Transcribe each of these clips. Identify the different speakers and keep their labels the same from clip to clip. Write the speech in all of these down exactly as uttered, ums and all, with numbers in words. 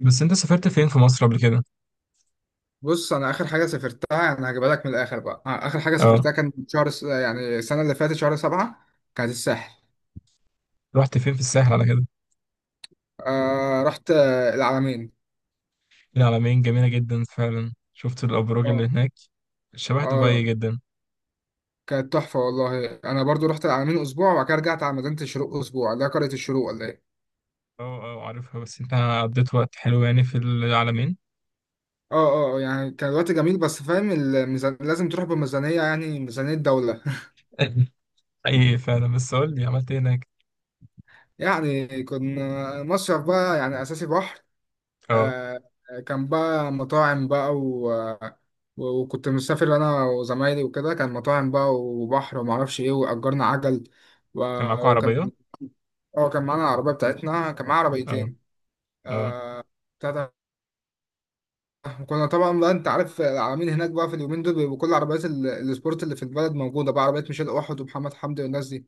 Speaker 1: بس انت سافرت فين في مصر قبل كده؟
Speaker 2: بص انا اخر حاجه سافرتها، يعني هجيبها لك من الاخر بقى. آه، اخر حاجه
Speaker 1: اه،
Speaker 2: سافرتها كان شهر س... يعني السنه اللي فاتت شهر سبعة، كانت الساحل.
Speaker 1: رحت فين في الساحل على كده؟
Speaker 2: آه رحت، آه، العلمين.
Speaker 1: العلمين جميلة جدا فعلا، شفت الأبراج اللي
Speaker 2: اه
Speaker 1: هناك؟ شبه دبي
Speaker 2: اه،
Speaker 1: جدا.
Speaker 2: كانت تحفه والله. انا برضو رحت العلمين اسبوع وبعد كده رجعت على مدينه الشروق اسبوع، اللي هي قريه الشروق ولا ايه.
Speaker 1: اه اه، عارفها. بس انت قضيت وقت حلو يعني في العلمين؟
Speaker 2: اه اه، يعني كان الوقت جميل، بس فاهم الميزان، لازم تروح بميزانيه، يعني ميزانيه دوله.
Speaker 1: ايه فعلا. بس قول لي عملت ايه هناك؟
Speaker 2: يعني كنا مصيف بقى، يعني اساسي بحر.
Speaker 1: اه،
Speaker 2: آه، كان بقى مطاعم بقى و... و- وكنت مسافر انا وزمايلي وكده، كان مطاعم بقى وبحر وما اعرفش ايه، واجرنا عجل و...
Speaker 1: كان معاكوا
Speaker 2: وكان،
Speaker 1: عربية؟
Speaker 2: اه كان معانا العربيه بتاعتنا، كان معانا
Speaker 1: اه
Speaker 2: عربيتين.
Speaker 1: اه
Speaker 2: آه... بتاع ده. كنا طبعا بقى، انت عارف العالمين هناك بقى في اليومين دول بيبقوا كل عربيات ال- السبورت اللي في البلد موجوده بقى، عربيات ميشيل احد ومحمد حمدي والناس دي.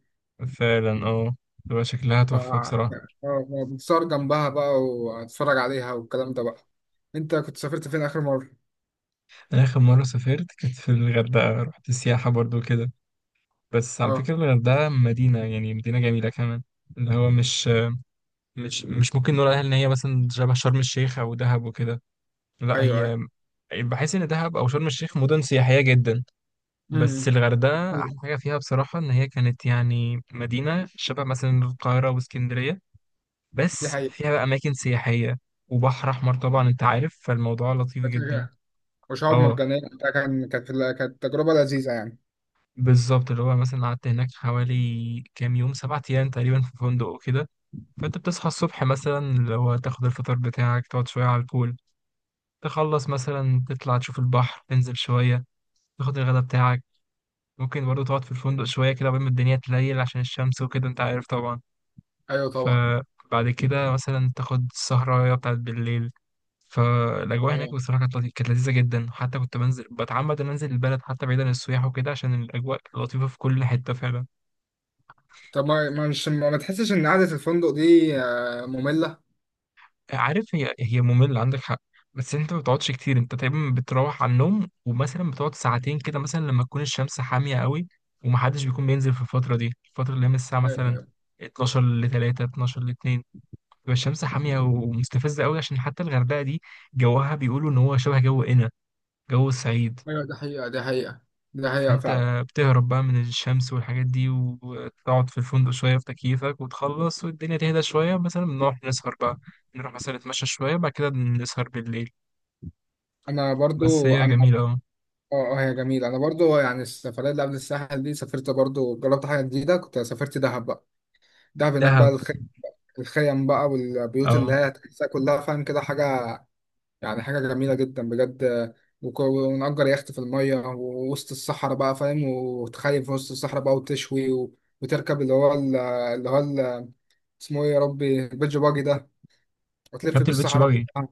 Speaker 1: فعلا. اه، تبقى شكلها
Speaker 2: ف
Speaker 1: تحفة
Speaker 2: آه،
Speaker 1: بصراحة.
Speaker 2: آه، بتصور جنبها بقى وتتفرج عليها والكلام ده بقى. انت كنت سافرت فين اخر مره؟
Speaker 1: أنا آخر مرة سافرت كانت في الغردقة، رحت السياحة برضو كده. بس على
Speaker 2: اه،
Speaker 1: فكرة الغردقة مدينة، يعني مدينة جميلة كمان. اللي هو مش مش مش ممكن نقول عليها ان هي مثلا شبه شرم الشيخ او دهب وكده. لا،
Speaker 2: ايوه
Speaker 1: هي بحس ان دهب او شرم الشيخ مدن سياحيه جدا، بس
Speaker 2: ايوه،
Speaker 1: الغردقه
Speaker 2: أيوة،
Speaker 1: احلى حاجه فيها بصراحه ان هي كانت يعني مدينه شبه مثلا القاهره واسكندريه.
Speaker 2: دي
Speaker 1: بس
Speaker 2: حقيقة.
Speaker 1: فيها بقى اماكن سياحيه، وبحر احمر طبعا انت عارف، فالموضوع لطيف جدا.
Speaker 2: فاكهة وشعاب
Speaker 1: اه
Speaker 2: مرجانية وبتاع، كان كانت كانت تجربة لذيذة يعني.
Speaker 1: بالظبط، اللي هو مثلا قعدت هناك حوالي كام يوم، سبعة ايام تقريبا في فندق وكده. فانت بتصحى الصبح مثلا، اللي هو تاخد الفطار بتاعك، تقعد شويه على البول، تخلص مثلا تطلع تشوف البحر، تنزل شوية، تاخد الغداء بتاعك. ممكن برضو تقعد في الفندق شوية كده قبل ما الدنيا تليل عشان الشمس وكده انت عارف طبعا.
Speaker 2: ايوه طبعا.
Speaker 1: فبعد كده مثلا تاخد السهرة بتاعت بالليل. فالأجواء هناك
Speaker 2: أيوة.
Speaker 1: بصراحة كانت لطي- كانت لذيذة جدا. حتى كنت بنزل بتعمد إن أنزل البلد حتى بعيد عن السياح وكده عشان الأجواء لطيفة في كل حتة فعلا.
Speaker 2: طب ما ما مش ما ما تحسش إن قعدة الفندق دي آه، مملة؟
Speaker 1: عارف، هي هي مملة، عندك حق. بس انت ما بتقعدش كتير، انت تقريبا بتروح على النوم ومثلا بتقعد ساعتين كده مثلا لما تكون الشمس حامية قوي، ومحدش بيكون بينزل في الفترة دي. الفترة اللي هي من الساعة مثلا
Speaker 2: ايوه،
Speaker 1: اتناشر ل ثلاثة، اتناشر ل اثنين، بتبقى الشمس حامية ومستفزة قوي. عشان حتى الغردقة دي جوها بيقولوا ان هو شبه جو قنا، جو الصعيد.
Speaker 2: ايوه. دي حقيقة دي حقيقة دي حقيقة
Speaker 1: فانت
Speaker 2: فعلا.
Speaker 1: بتهرب بقى من الشمس والحاجات دي وتقعد في الفندق شوية في تكييفك، وتخلص والدنيا تهدى شوية، مثلا بنروح نسهر بقى، نروح مثلا نتمشى شوية بعد كده نسهر بالليل.
Speaker 2: أنا
Speaker 1: بس
Speaker 2: برضو
Speaker 1: هي
Speaker 2: أنا
Speaker 1: جميلة، اه.
Speaker 2: آه آه، هي جميلة. أنا برضو يعني السفرية اللي قبل الساحل دي سافرت برضو، جربت حاجة جديدة، كنت سافرت دهب بقى. دهب هناك بقى،
Speaker 1: دهب.
Speaker 2: الخ... الخيم بقى والبيوت اللي
Speaker 1: اه،
Speaker 2: هي تحسها كلها فاهم كده، حاجة يعني حاجة جميلة جدا بجد. وك- ونأجر يخت في المية ووسط الصحراء بقى فاهم، وتخيم في وسط الصحراء بقى وتشوي و... وتركب اللي هو ال- اللي هو ال- اسمه ايه يا ربي، البيتش باجي ده، وتلف
Speaker 1: شفت البيتش
Speaker 2: بالصحراء
Speaker 1: باجي.
Speaker 2: كلها.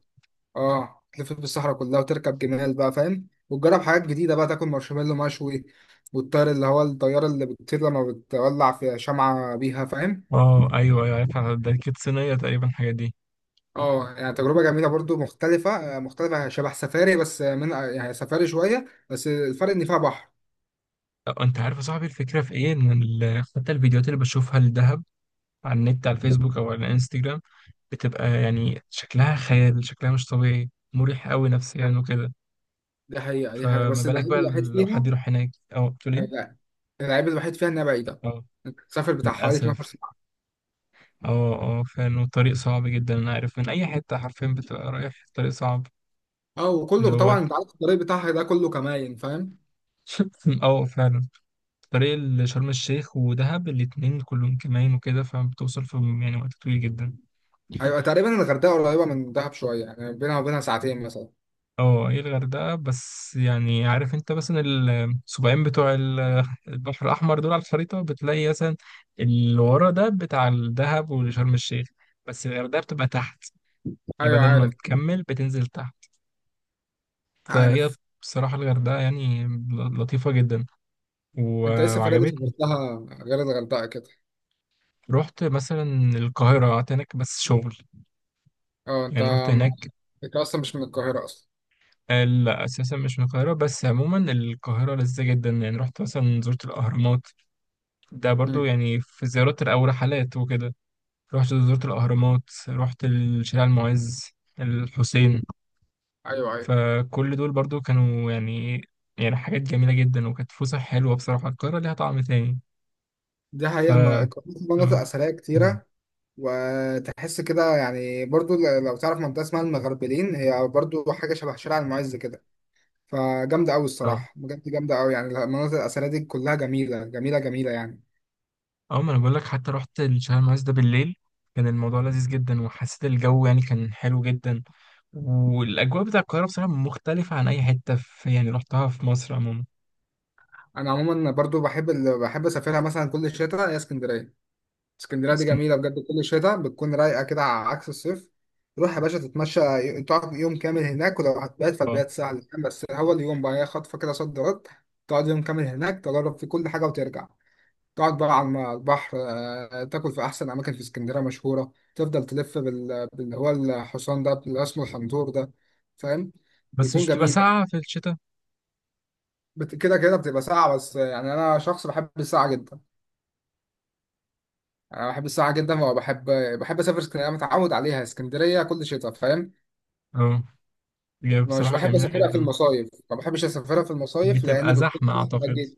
Speaker 2: اه، تلف بالصحراء كلها وتركب جمال بقى فاهم، وتجرب حاجات جديدة بقى، تاكل مارشميلو مشوي والطير اللي هو الطيارة اللي بتطير لما بتولع في شمعة بيها فاهم.
Speaker 1: اه ايوه ايوه عارفها، ده كانت صينية تقريبا الحاجات دي.
Speaker 2: اه، يعني تجربة جميلة برضو مختلفة، مختلفة شبه سفاري، بس من يعني سفاري شوية، بس الفرق ان فيها بحر.
Speaker 1: أه، انت عارف يا صاحبي الفكرة في ايه ان ال- حتى الفيديوهات اللي بشوفها للدهب على النت، على الفيسبوك او على الانستجرام، بتبقى يعني شكلها خيال، شكلها مش طبيعي، مريح قوي نفسيا
Speaker 2: حقيقة.
Speaker 1: وكده.
Speaker 2: دي حقيقة دي حقيقة،
Speaker 1: فما
Speaker 2: بس
Speaker 1: بالك
Speaker 2: اللعيب
Speaker 1: بقى
Speaker 2: الوحيد
Speaker 1: لو حد
Speaker 2: فيها.
Speaker 1: يروح هناك. اه، بتقول ايه.
Speaker 2: لا، اللعيب الوحيد فيها إنها بعيدة.
Speaker 1: اه
Speaker 2: سافر بتاع حوالي 12
Speaker 1: للاسف.
Speaker 2: ساعة.
Speaker 1: اه اه فعلا، والطريق صعب جدا انا عارف، من اي حتة حرفيا بتبقى رايح الطريق صعب.
Speaker 2: اه،
Speaker 1: اللي
Speaker 2: وكله
Speaker 1: هو
Speaker 2: طبعا أنت عارف الطريق بتاعها ده كله كماين فاهم.
Speaker 1: اه فعلا، طريق لشرم الشيخ ودهب الاتنين كلهم كمان وكده، فبتوصل في يعني وقت طويل جدا.
Speaker 2: أيوة، تقريبا الغردقة قريبة من دهب شوية، يعني بينها وبينها ساعتين مثلا.
Speaker 1: اه، هي الغردقة بس، يعني عارف انت مثلا السبعين بتوع ال- البحر الأحمر دول على الخريطة بتلاقي مثلا اللي ورا ده بتاع الدهب وشرم الشيخ، بس الغردقة بتبقى تحت. يعني
Speaker 2: أيوة
Speaker 1: بدل ما
Speaker 2: عارف،
Speaker 1: بتكمل بتنزل تحت. فهي
Speaker 2: عارف.
Speaker 1: بصراحة الغردقة يعني لطيفة جدا، و-
Speaker 2: أنت إيه السفرية اللي
Speaker 1: وعجبتني.
Speaker 2: سافرتها غير الغردقة كده؟
Speaker 1: رحت مثلا القاهرة، قعدت هناك بس شغل،
Speaker 2: اه أنت
Speaker 1: يعني رحت
Speaker 2: مع-
Speaker 1: هناك.
Speaker 2: أنت أصلا مش من القاهرة أصلا.
Speaker 1: آه، لا اساسا مش من القاهره، بس عموما القاهره لذيذه جدا، يعني رحت مثلا زرت الاهرامات. ده برضو
Speaker 2: مم.
Speaker 1: يعني في زيارات او رحلات وكده. رحت زرت الاهرامات، رحت الشارع المعز، الحسين.
Speaker 2: أيوة أيوة.
Speaker 1: فكل دول برضو كانوا يعني يعني حاجات جميله جدا، وكانت فسح حلوه بصراحه، القاهره ليها طعم تاني.
Speaker 2: دي
Speaker 1: ف
Speaker 2: حقيقة، ما- القاهرة في مناطق
Speaker 1: اه
Speaker 2: أثرية كتيرة، وتحس كده يعني برضو، ل- لو تعرف منطقة اسمها المغربلين، هي برضو حاجة شبه شارع المعز كده، فجامدة أوي
Speaker 1: مم.
Speaker 2: الصراحة، بجد جامدة أوي. يعني المناطق الأثرية دي كلها جميلة جميلة جميلة يعني.
Speaker 1: اه ما انا بقول لك حتى رحت الشهر المعز ده بالليل، كان الموضوع لذيذ جدا، وحسيت الجو يعني كان حلو جدا. والاجواء بتاع القاهره بصراحه مختلفه عن اي حته، في يعني رحتها في مصر عموما.
Speaker 2: أنا عموما برضو بحب ال... بحب أسافرها مثلا كل شتاء، هي اسكندرية. اسكندرية دي
Speaker 1: اسكندريه،
Speaker 2: جميلة بجد، كل شتاء بتكون رايقة كده على عكس الصيف. تروح يا باشا تتمشى، ي- تقعد يوم كامل هناك، ولو هتبات
Speaker 1: اه.
Speaker 2: فالبيات سهل، بس هو اليوم بقى هي خطفة كده، صد رد. تقعد يوم كامل هناك تجرب في كل حاجة وترجع، تقعد بقى على البحر، آه، تاكل في احسن اماكن في اسكندريه مشهوره، تفضل تلف بال... باللي هو الحصان ده اللي اسمه الحنطور ده فاهم.
Speaker 1: بس
Speaker 2: بيكون
Speaker 1: مش بتبقى
Speaker 2: جميل يعني.
Speaker 1: ساقعه في الشتاء؟
Speaker 2: بت... كده كده بتبقى ساعه بس، آه، يعني انا شخص بحب الساعه جدا، انا بحب الساعه جدا، وبحب، بحب اسافر اسكندريه، أنا متعود عليها اسكندريه كل شتاء فاهم.
Speaker 1: اه هي
Speaker 2: أنا مش
Speaker 1: بصراحه
Speaker 2: بحب
Speaker 1: جميله
Speaker 2: اسافرها في
Speaker 1: جدا.
Speaker 2: المصايف، ما بحبش اسافرها في المصايف لان
Speaker 1: بتبقى
Speaker 2: بتكون
Speaker 1: زحمه
Speaker 2: زحمه
Speaker 1: اعتقد.
Speaker 2: جدا.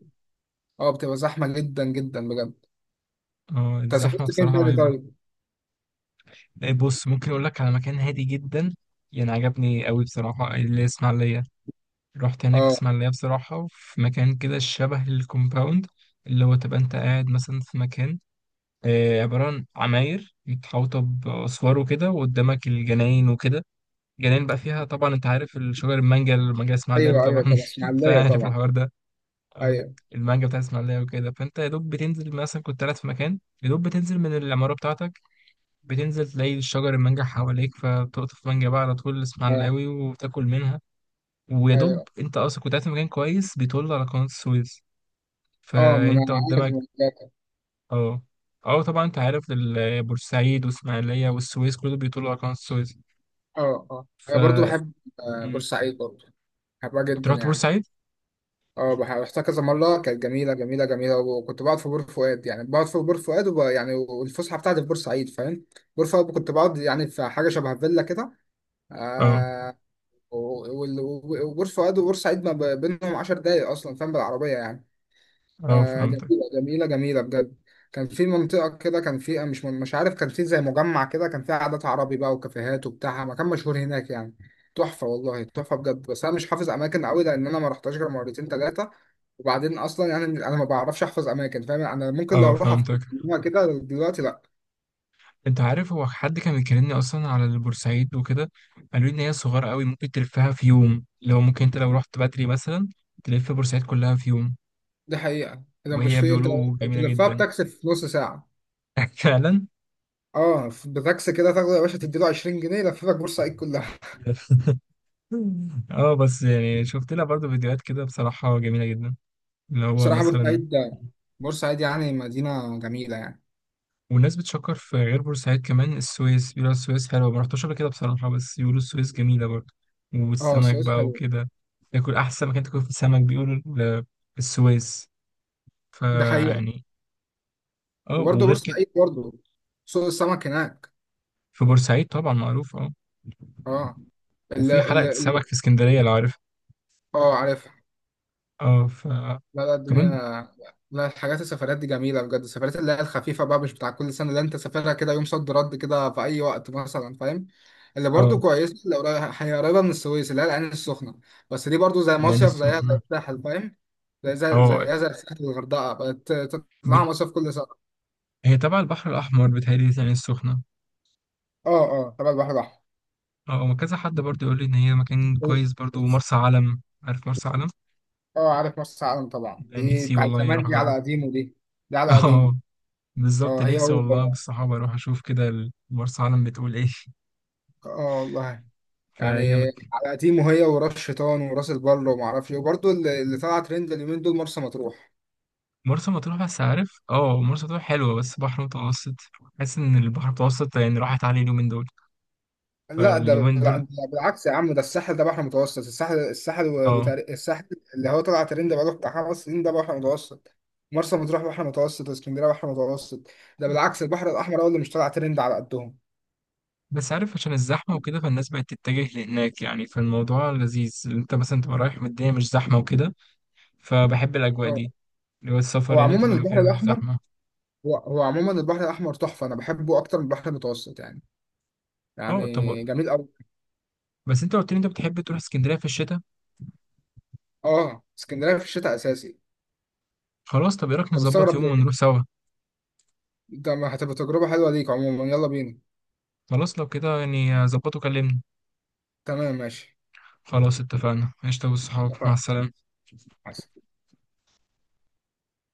Speaker 2: اه بتبقى زحمه جدا جدا بجد.
Speaker 1: اه
Speaker 2: انت
Speaker 1: الزحمه
Speaker 2: سافرت فين
Speaker 1: بصراحه
Speaker 2: تاني
Speaker 1: رهيبه.
Speaker 2: طيب؟
Speaker 1: إيه، بص ممكن اقول لك على مكان هادي جدا، يعني عجبني قوي بصراحه اللي اسمع. رحت هناك
Speaker 2: اه
Speaker 1: اسماعيلية بصراحة في مكان كده شبه الكومباوند، اللي هو تبقى انت قاعد مثلا في مكان، آه، عبارة عن عماير متحوطة بأسوار وكده، وقدامك الجناين وكده. جناين بقى فيها طبعا انت عارف الشجر، المانجا، المانجا اسماعيلاوي
Speaker 2: ايوه، ايوه
Speaker 1: طبعا.
Speaker 2: طبعا اسماعيليه
Speaker 1: فعارف
Speaker 2: طبعا.
Speaker 1: الحوار ده. اه
Speaker 2: ايوه.
Speaker 1: المانجا بتاع اسماعيلية وكده. فانت يا دوب بتنزل مثلا، كنت قاعد في مكان يا دوب بتنزل من العمارة بتاعتك، بتنزل تلاقي شجر المانجا حواليك. فبتقطف مانجا بقى على طول
Speaker 2: اه
Speaker 1: اسماعيلاوي وتاكل منها. ويا
Speaker 2: ايوه.
Speaker 1: دوب انت اصلا كنت قاعد في مكان كويس بيطل على قناة السويس،
Speaker 2: اه ما انا
Speaker 1: فانت
Speaker 2: عارف
Speaker 1: قدامك.
Speaker 2: الموضوع ده.
Speaker 1: اه اه طبعا، انت عارف ال- بورسعيد واسماعيلية والسويس كله بيطل على قناة السويس.
Speaker 2: اه اه
Speaker 1: ف
Speaker 2: انا برضو بحب، آه،
Speaker 1: مم.
Speaker 2: بورسعيد برضو، بحبها
Speaker 1: انت
Speaker 2: جدا
Speaker 1: رحت
Speaker 2: يعني.
Speaker 1: بورسعيد؟
Speaker 2: اه، بح- رحتها كذا مرة، كانت جميلة جميلة جميلة، وكنت بقعد في بور فؤاد، يعني بقعد في بور فؤاد وب... يعني، والفسحة بتاعتي في بورسعيد فاهم. بور فؤاد كنت بقعد يعني في حاجة شبه فيلا كده.
Speaker 1: اه
Speaker 2: آه و- وال- وبور فؤاد وبورسعيد ما ب- بينهم 10 دقايق أصلا فاهم، بالعربية يعني.
Speaker 1: اه
Speaker 2: آه
Speaker 1: فهمتك.
Speaker 2: جميلة جميلة جميلة بجد. كان في منطقة كده، كان في مش مش عارف، كان في زي مجمع كده، كان فيه عادات عربي بقى وكافيهات وبتاع، مكان مشهور هناك يعني. تحفة والله، تحفة بجد. بس أنا مش حافظ أماكن قوي، لأن أنا ما رحتهاش غير مرتين تلاتة، وبعدين أصلا يعني أنا ما بعرفش أحفظ أماكن فاهم، أنا ممكن لو
Speaker 1: اه
Speaker 2: أروح
Speaker 1: فهمتك
Speaker 2: أفتكرها كده دلوقتي، لأ.
Speaker 1: انت عارف هو حد كان بيكلمني اصلا على البورسعيد وكده، قالوا لي ان هي صغيرة قوي، ممكن تلفها في يوم. لو ممكن انت لو رحت بدري مثلا، تلف بورسعيد كلها في يوم.
Speaker 2: دي حقيقة، إذا مش
Speaker 1: وهي
Speaker 2: في أنت
Speaker 1: بيقولوا جميلة
Speaker 2: تلفها
Speaker 1: جدا.
Speaker 2: بتاكسي في نص ساعة.
Speaker 1: فعلا.
Speaker 2: اه، بتاكسي كده، تاخده يا باشا تديله عشرين جنيه يلففك بورسعيد كلها.
Speaker 1: اه، بس يعني شفت لها برضو فيديوهات كده بصراحة جميلة جدا، اللي هو
Speaker 2: بصراحة
Speaker 1: مثلا.
Speaker 2: بورسعيد، بورسعيد يعني مدينة جميلة يعني.
Speaker 1: والناس بتشكر في غير بورسعيد كمان، السويس بيقولوا السويس حلوة. ما رحتش قبل كده بصراحة، بس بيقولوا السويس جميلة برضه،
Speaker 2: اه
Speaker 1: والسمك
Speaker 2: السويس
Speaker 1: بقى
Speaker 2: حلو.
Speaker 1: وكده. تاكل أحسن مكان تاكل في السمك بيقولوا ال- السويس،
Speaker 2: ده حقيقة.
Speaker 1: فيعني اه.
Speaker 2: وبرضه
Speaker 1: وغير كده،
Speaker 2: بورسعيد برضه، سوق السمك هناك.
Speaker 1: في بورسعيد طبعا معروف، اه.
Speaker 2: اه ال
Speaker 1: وفي
Speaker 2: ال
Speaker 1: حلقة السمك
Speaker 2: ال
Speaker 1: في اسكندرية لو عارفها.
Speaker 2: اه عارفها.
Speaker 1: اه، ف
Speaker 2: لا لا الدنيا،
Speaker 1: كمان.
Speaker 2: لا، الحاجات السفرات دي جميلة بجد، السفرات اللي هي الخفيفة بقى، مش بتاع كل سنة، اللي انت سافرها كده يوم صد رد كده في أي وقت مثلا فاهم. اللي
Speaker 1: اه
Speaker 2: برضه كويسة اللي قريبة، هي قريبة من السويس، اللي هي العين السخنة. بس دي برضه زي
Speaker 1: العين
Speaker 2: مصيف، زيها زي
Speaker 1: السخنة.
Speaker 2: الساحل فاهم. زي زي
Speaker 1: اه
Speaker 2: زيها زي الساحل، الغردقة بقت تطلع
Speaker 1: بت...
Speaker 2: مصيف كل سنة.
Speaker 1: هي تبع البحر الأحمر بتهيألي العين السخنة.
Speaker 2: اه اه تبع البحر
Speaker 1: اه هو كذا حد برضو يقول لي ان هي مكان
Speaker 2: الأحمر.
Speaker 1: كويس، برضو مرسى علم، عارف مرسى علم؟
Speaker 2: اه عارف مرسى علم طبعا،
Speaker 1: لا،
Speaker 2: دي
Speaker 1: نفسي
Speaker 2: بتاع
Speaker 1: والله اروح
Speaker 2: زمان، دي على
Speaker 1: اجرب.
Speaker 2: قديمه دي، دي على قديمه
Speaker 1: اه
Speaker 2: اه
Speaker 1: بالظبط،
Speaker 2: هي
Speaker 1: نفسي والله
Speaker 2: و...
Speaker 1: بالصحابه اروح اشوف كده ال- مرسى علم، بتقول ايه.
Speaker 2: اه والله يعني،
Speaker 1: فهي مك...
Speaker 2: على قديمه هي، وراس شيطان وراس البر وما اعرفش ايه. وبرضه اللي, اللي طلع ترند اليومين دول مرسى مطروح.
Speaker 1: مرسى مطروح. بس عارف اه مرسى مطروح حلوه بس بحر متوسط، حاسس ان البحر المتوسط يعني راحت عليه اليومين دول،
Speaker 2: لا ده
Speaker 1: فاليومين
Speaker 2: لا
Speaker 1: دول
Speaker 2: ده بالعكس يا عم، ده الساحل ده بحر متوسط، الساحل الساحل و-
Speaker 1: اه.
Speaker 2: وتار... الساحل اللي هو طلع ترند بقاله بتاع خمس سنين ده بحر متوسط، مرسى مطروح بحر متوسط، واسكندريه بحر متوسط. ده بالعكس البحر الاحمر هو اللي مش طلع ترند على قدهم.
Speaker 1: بس عارف عشان الزحمه وكده، فالناس بقت تتجه لهناك يعني، فالموضوع لذيذ انت مثلا تبقى رايح والدنيا مش زحمه وكده، فبحب الأجواء
Speaker 2: اه،
Speaker 1: دي، اللي هو
Speaker 2: هو
Speaker 1: السفر يعني
Speaker 2: عموما
Speaker 1: تبقى
Speaker 2: البحر
Speaker 1: مكان مش
Speaker 2: الاحمر،
Speaker 1: زحمة.
Speaker 2: هو هو عموما البحر الاحمر تحفه، انا بحبه اكتر من البحر المتوسط يعني،
Speaker 1: اه طب،
Speaker 2: يعني جميل قوي.
Speaker 1: بس انت قلت لي انت بتحب تروح اسكندرية في الشتاء.
Speaker 2: اه، اسكندريه في الشتاء اساسي.
Speaker 1: خلاص طب، ايه رأيك
Speaker 2: انت
Speaker 1: نظبط
Speaker 2: مستغرب
Speaker 1: يوم
Speaker 2: ليه؟
Speaker 1: ونروح سوا.
Speaker 2: ده ما هتبقى تجربه حلوه ليك، عموما يلا بينا.
Speaker 1: خلاص لو كده يعني ظبطه كلمني.
Speaker 2: تمام ماشي.
Speaker 1: خلاص اتفقنا، قشطة، والصحاب مع
Speaker 2: اتفقنا.
Speaker 1: السلامة.